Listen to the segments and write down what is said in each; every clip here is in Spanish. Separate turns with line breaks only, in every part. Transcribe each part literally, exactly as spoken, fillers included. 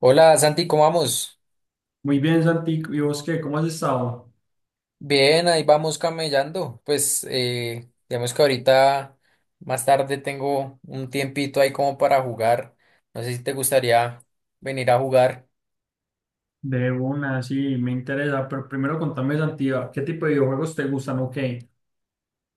Hola Santi, ¿cómo vamos?
Muy bien, Santi. ¿Y vos qué? ¿Cómo has estado?
Bien, ahí vamos camellando. Pues eh, digamos que ahorita más tarde tengo un tiempito ahí como para jugar. No sé si te gustaría venir a jugar.
De una, sí, me interesa. Pero primero contame, Santi, ¿qué tipo de videojuegos te gustan o qué?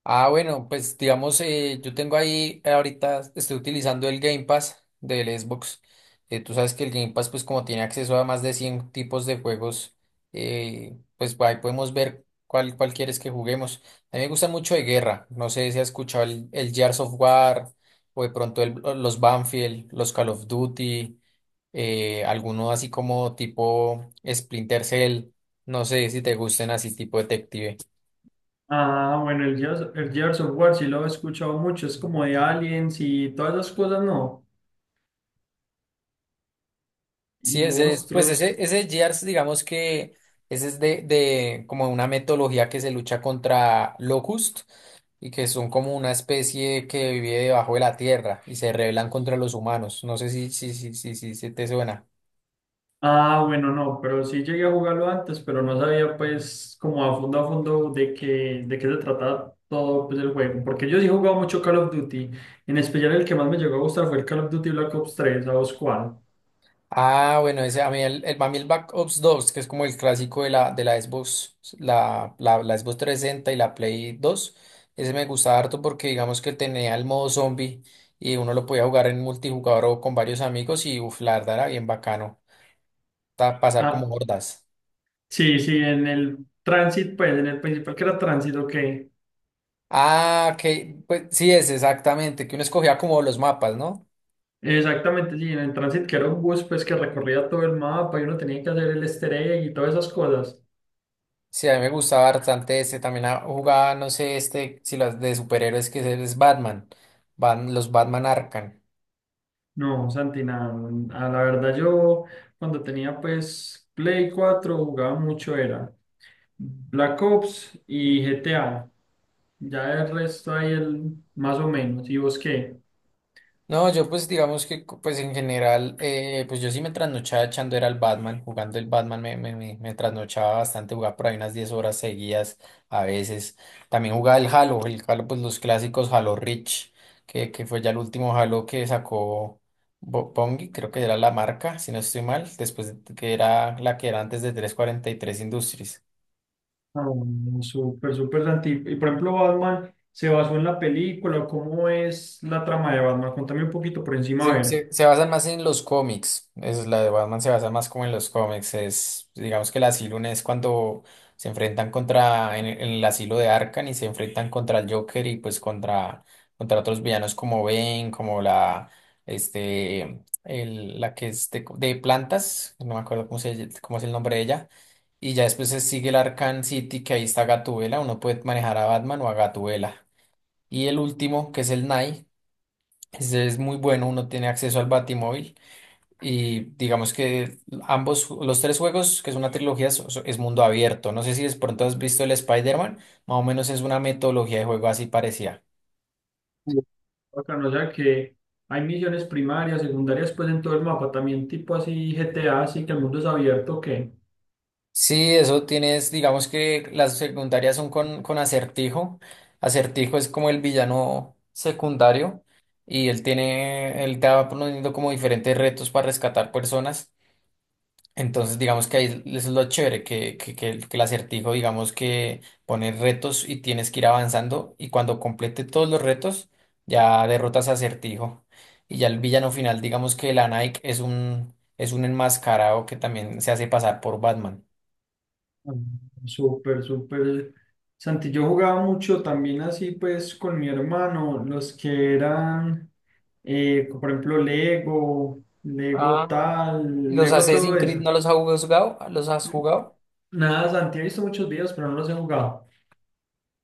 Ah, bueno, pues digamos, eh, yo tengo ahí, eh, ahorita estoy utilizando el Game Pass del Xbox. Eh, tú sabes que el Game Pass, pues como tiene acceso a más de cien tipos de juegos, eh, pues ahí podemos ver cuál, cuál quieres que juguemos. A mí me gusta mucho de guerra. No sé si has escuchado el, el Gears of War o de pronto el- los Banfield, los Call of Duty, eh, alguno así como tipo Splinter Cell. No sé si te gusten así tipo detective.
Ah, bueno, el Gears, el Gears of War sí lo he escuchado mucho. Es como de aliens y todas esas cosas, ¿no? Y
Sí, ese es, pues
monstruos.
ese, ese GEARS, digamos que ese es de, de como una metodología que se lucha contra Locust y que son como una especie que vive debajo de la tierra y se rebelan contra los humanos. No sé si, si, si, si, si, si te suena.
Ah, bueno, no, pero sí llegué a jugarlo antes, pero no sabía pues como a fondo a fondo de qué, de qué se trataba todo pues, el juego. Porque yo sí he jugado mucho Call of Duty. En especial el que más me llegó a gustar fue el Call of Duty Black Ops tres. ¿A vos cuál?
Ah, bueno, ese, a mí el, el, para mí el Black Ops dos, que es como el clásico de la, de la Xbox, la, la, la Xbox trescientos sesenta y la Play dos. Ese me gustaba harto porque digamos que tenía el modo zombie y uno lo podía jugar en multijugador o con varios amigos, y uf, la verdad era bien bacano, ta- pasar como
Ah.
hordas.
Sí, sí, en el Transit, pues en el principal que era Transit, ok.
Ah, que pues sí, es exactamente, que uno escogía como los mapas, ¿no?
Exactamente, sí, en el Transit que era un bus pues que recorría todo el mapa y uno tenía que hacer el easter egg y todas esas cosas.
Sí, a mí me gustaba bastante este, también, ah, jugaba, no sé, este, si las de superhéroes que es es Batman, Bat- los Batman Arkham.
No, Santi, nada, mm, a la verdad yo cuando tenía pues Play cuatro jugaba mucho era Black Ops y G T A. Ya el resto ahí el más o menos. ¿Y vos qué?
No, yo pues digamos que co- pues en general, eh, pues yo sí me trasnochaba echando era el Batman, jugando el Batman me, me, me, me trasnochaba bastante, jugaba por ahí unas diez horas seguidas a veces. También jugaba el Halo, el Halo pues los clásicos Halo Reach, que, que fue ya el último Halo que sacó Bo- Bungie, creo que era la marca, si no estoy mal, después de- que era la que era antes de trescientos cuarenta y tres Industries.
Ah, bueno, súper, súper Santi. Y por ejemplo, Batman, ¿se basó en la película? ¿Cómo es la trama de Batman? Contame un poquito por encima, a
Se,
ver.
se- se basan más en los cómics. Es, la de Batman se basa más como en los cómics. Es, digamos que el asilo, no es cuando se enfrentan contra, en, el en el asilo de Arkham, y se enfrentan contra el Joker y pues contra, contra otros villanos como Bane, como la, este, el- la que es de, de plantas, no me acuerdo cómo se, cómo es el nombre de ella. Y ya después se sigue el Arkham City, que ahí está Gatubela. Uno puede manejar a Batman o a Gatubela. Y el último, que es el Night, ese es muy bueno, uno tiene acceso al Batimóvil y digamos que ambos, los tres juegos, que es una trilogía, so- so- es mundo abierto. No sé si de pronto has visto el Spider-Man, más o menos es una metodología de juego así parecida.
Uh, bacano, o sea que hay misiones primarias, secundarias, pues en todo el mapa, también tipo así G T A, así que el mundo es abierto, que
Sí, eso tienes, digamos que las secundarias son con, con Acertijo. Acertijo es como el villano secundario, y él tiene, él te va poniendo como diferentes retos para rescatar personas. Entonces, digamos que ahí es lo chévere, que, que, que el, que el acertijo, digamos que pone retos y tienes que ir avanzando, y cuando complete todos los retos, ya derrotas a acertijo. Y ya el villano final, digamos que la Nike, es un, es un enmascarado que también se hace pasar por Batman.
súper, súper. Santi, yo jugaba mucho también así pues con mi hermano, los que eran, eh, por ejemplo, Lego, Lego
Ah, ¿y
tal,
los
Lego
Assassin's
todo
Creed
eso.
no los has jugado? ¿Los has jugado?
Nada, Santi, he visto muchos videos, pero no los he jugado.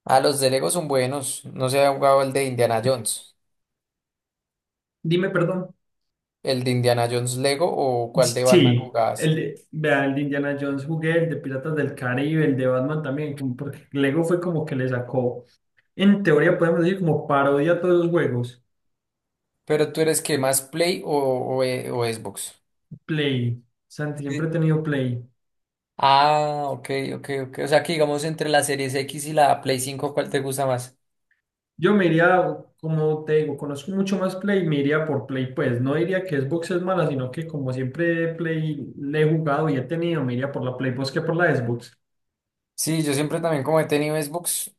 Ah, los de Lego son buenos. No se ha jugado el de Indiana Jones.
Dime, perdón.
¿El de Indiana Jones Lego o cuál de Batman
Sí,
jugabas?
el de, vea, el de Indiana Jones jugué, el de Piratas del Caribe, el de Batman también, como porque Lego fue como que le sacó, en teoría podemos decir, como parodia a todos los juegos.
Pero tú eres que más Play o, o, eh, o Xbox.
Play, Santi, siempre he
Sí.
tenido Play.
Ah, ok, ok, ok. O sea que digamos, entre la Series X y la Play cinco, ¿cuál te gusta más?
Yo me iría, como te digo, conozco mucho más Play, me iría por Play, pues no diría que Xbox es mala, sino que como siempre Play le he jugado y he tenido, me iría por la Play, pues que por la Xbox.
Sí, yo siempre también como he tenido Xbox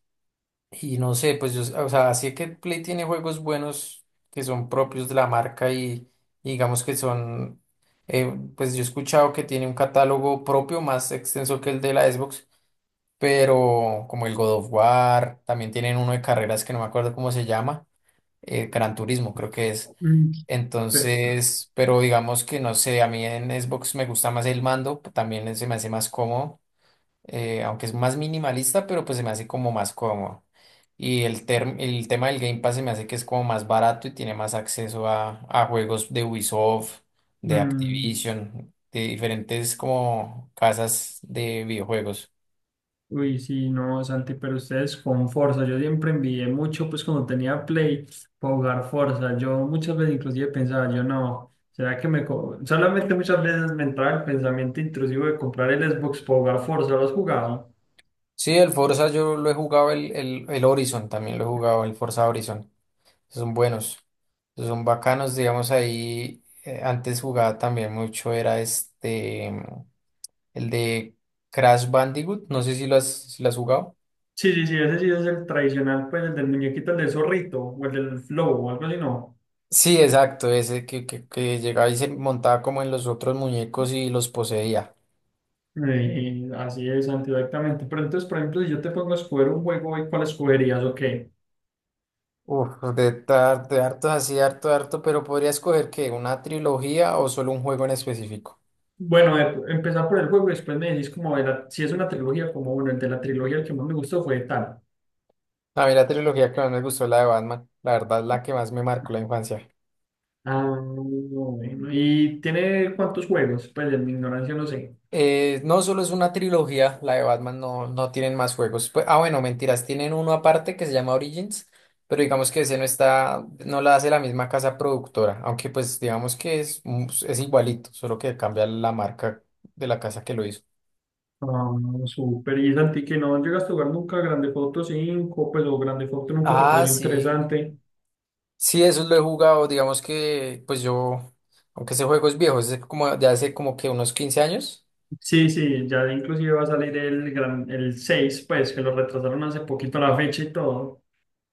y no sé, pues yo, o sea, sí que Play tiene juegos buenos que son propios de la marca, y, y digamos que son, eh, pues yo he escuchado que tiene un catálogo propio más extenso que el de la Xbox, pero como el God of War. También tienen uno de carreras que no me acuerdo cómo se llama. eh, Gran Turismo, creo que es.
Mm, pe-
Entonces, pero digamos que no sé, a mí en Xbox me gusta más el mando, p- también se me hace más cómodo, eh, aunque es más minimalista, pero pues se me hace como más cómodo. Y el, term- el tema del Game Pass se me hace que es como más barato, y tiene más acceso a, a juegos de Ubisoft, de
mm,
Activision, de diferentes como casas de videojuegos.
Uy, sí, no, Santi, pero ustedes con Forza, yo siempre envidié mucho, pues cuando tenía Play, para jugar Forza, yo muchas veces inclusive pensaba, yo no, será que me... co-?". Solamente muchas veces me entraba el pensamiento intrusivo de comprar el Xbox para jugar Forza, ¿lo has jugado?
Sí, el Forza yo lo he jugado, el, el, el Horizon también lo he jugado, el Forza Horizon. Esos son buenos, esos son bacanos, digamos ahí. Eh, antes jugaba también mucho, era este, mm, el de Crash Bandicoot, no sé si lo has, si lo has jugado.
Sí, sí, sí, ese sí es el tradicional, pues el del muñequito, el del zorrito, o el del flow, o algo así, ¿no?
Sí, exacto, ese que, que, que llegaba y se montaba como en los otros muñecos y los poseía.
Eh, así es, Santi, exactamente, pero entonces, por ejemplo, si yo te pongo a escoger un juego, ¿cuál escogerías o qué?
Uf, de, tar- de hartos así, harto, harto, pero podría escoger, ¿que una trilogía o solo un juego en específico?
Bueno, eh, empezar por el juego y después me decís como de la- si es una trilogía, como bueno, el de la trilogía el que más me gustó fue tal.
A mí la trilogía que más me gustó es la de Batman, la verdad, la que más me marcó la infancia.
Ah, bueno. ¿Y tiene cuántos juegos? Pues en mi ignorancia no sé.
Eh, no solo es una trilogía, la de Batman no, no tienen más juegos. Pues- ah, bueno, mentiras, tienen uno aparte que se llama Origins, pero digamos que ese no está, no la hace la misma casa productora, aunque pues digamos que es, un- es igualito, solo que cambia la marca de la casa que lo hizo.
Ah, súper. Y Santi, que no llegaste a jugar nunca Grande Foto cinco pues o Grande Foto nunca te
Ah,
pareció
sí.
interesante.
Sí, eso lo he jugado, digamos que pues yo, aunque ese juego es viejo, es de como de hace como que unos quince años.
Sí, sí, ya inclusive va a salir el, gran, el seis, pues que lo retrasaron hace poquito la fecha y todo.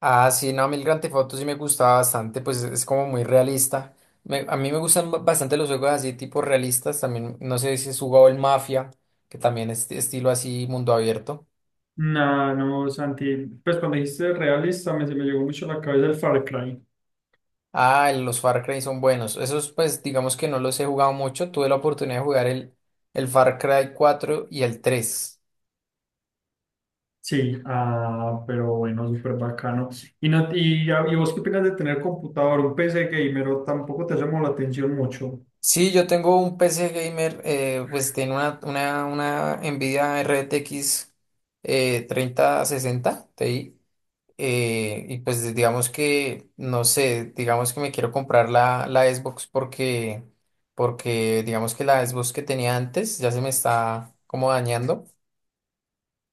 Ah, sí, no, a mí el Grand Theft Auto sí me gustaba bastante, pues es como muy realista. Me- a mí me gustan ba- bastante los juegos así, tipo realistas. También, no sé si has jugado el Mafia, que también es de estilo así, mundo abierto.
No, no, Santi, pues cuando dijiste realista me, se me llegó mucho a la cabeza el Far Cry.
Ah, el- los Far Cry son buenos. Esos, pues, digamos que no los he jugado mucho. Tuve la oportunidad de jugar el, el Far Cry cuatro y el tres.
Sí, ah, pero bueno, súper bacano. ¿Y, no, y, y vos qué opinas de tener computador, un P C gamer o tampoco te llamó la atención mucho?
Sí, yo tengo un P C gamer, eh, pues tiene una, una, una Nvidia R T X, eh, treinta sesenta Ti. Eh, y pues digamos que, no sé, digamos que me quiero comprar la la Xbox, porque, porque, digamos que la Xbox que tenía antes ya se me está como dañando.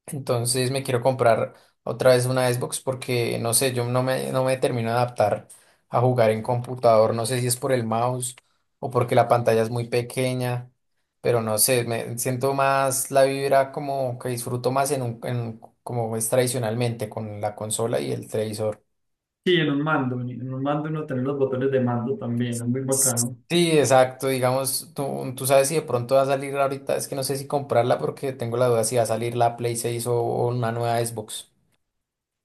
Entonces me quiero comprar otra vez una Xbox porque, no sé, yo no me, no me termino de adaptar a jugar en computador. No sé si es por el mouse o porque la pantalla es muy pequeña, pero no sé, me siento más la vibra, como que disfruto más en un, en, como es tradicionalmente, con la consola y el televisor.
Sí, en un mando, en en un mando uno tener los botones de mando también, es muy bacano.
Sí, exacto. Digamos, tú, tú sabes si de pronto va a salir ahorita, es que no sé si comprarla, porque tengo la duda si va a salir la Play seis o o una nueva Xbox.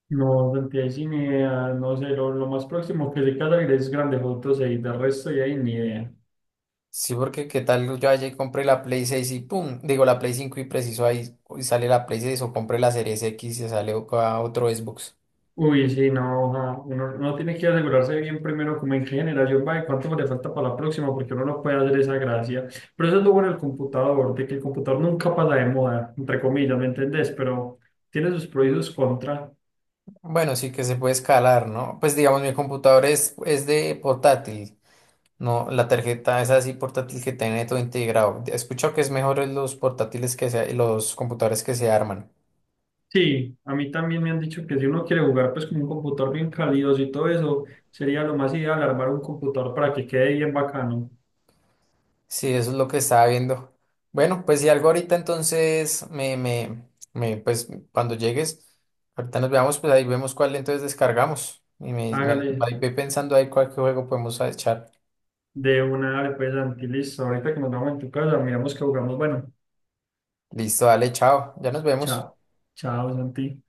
No, Santi, ahí sí ni idea, no sé, lo, lo más próximo que se queda es Grande Auto y de resto ya ahí ni idea.
Sí, porque qué tal yo ayer compré la Play seis y pum, digo la Play cinco, y preciso ahí y sale la Play seis, o compré la Series X y sale o- a otro Xbox.
Uy, sí, no, ajá, uno, uno tiene que asegurarse bien primero como en qué generación va y cuánto le falta para la próxima, porque uno no puede hacer esa gracia. Pero eso es lo bueno del computador, de que el computador nunca pasa de moda, entre comillas, ¿me entendés? Pero tiene sus pros y sus contras.
Bueno, sí que se puede escalar, ¿no? Pues digamos, mi computador es, es de portátil, no, la tarjeta es así portátil, que tiene todo integrado. He escuchado que es mejor en los portátiles que se, los computadores que se arman.
Sí, a mí también me han dicho que si uno quiere jugar pues con un computador bien calidoso y todo eso, sería lo más ideal armar un computador para que quede bien bacano.
Sí, eso es lo que estaba viendo. Bueno, pues si algo ahorita entonces me, me, me, pues cuando llegues, ahorita nos veamos, pues ahí vemos cuál entonces descargamos. Y me, me,
Hágale
ahí ve pensando ahí cuál juego podemos echar.
de una, dale, pues, Santi, listo. Ahorita que nos vamos en tu casa, miramos que jugamos. Bueno,
Listo, dale, chao. Ya nos vemos.
chao, chao, Santi.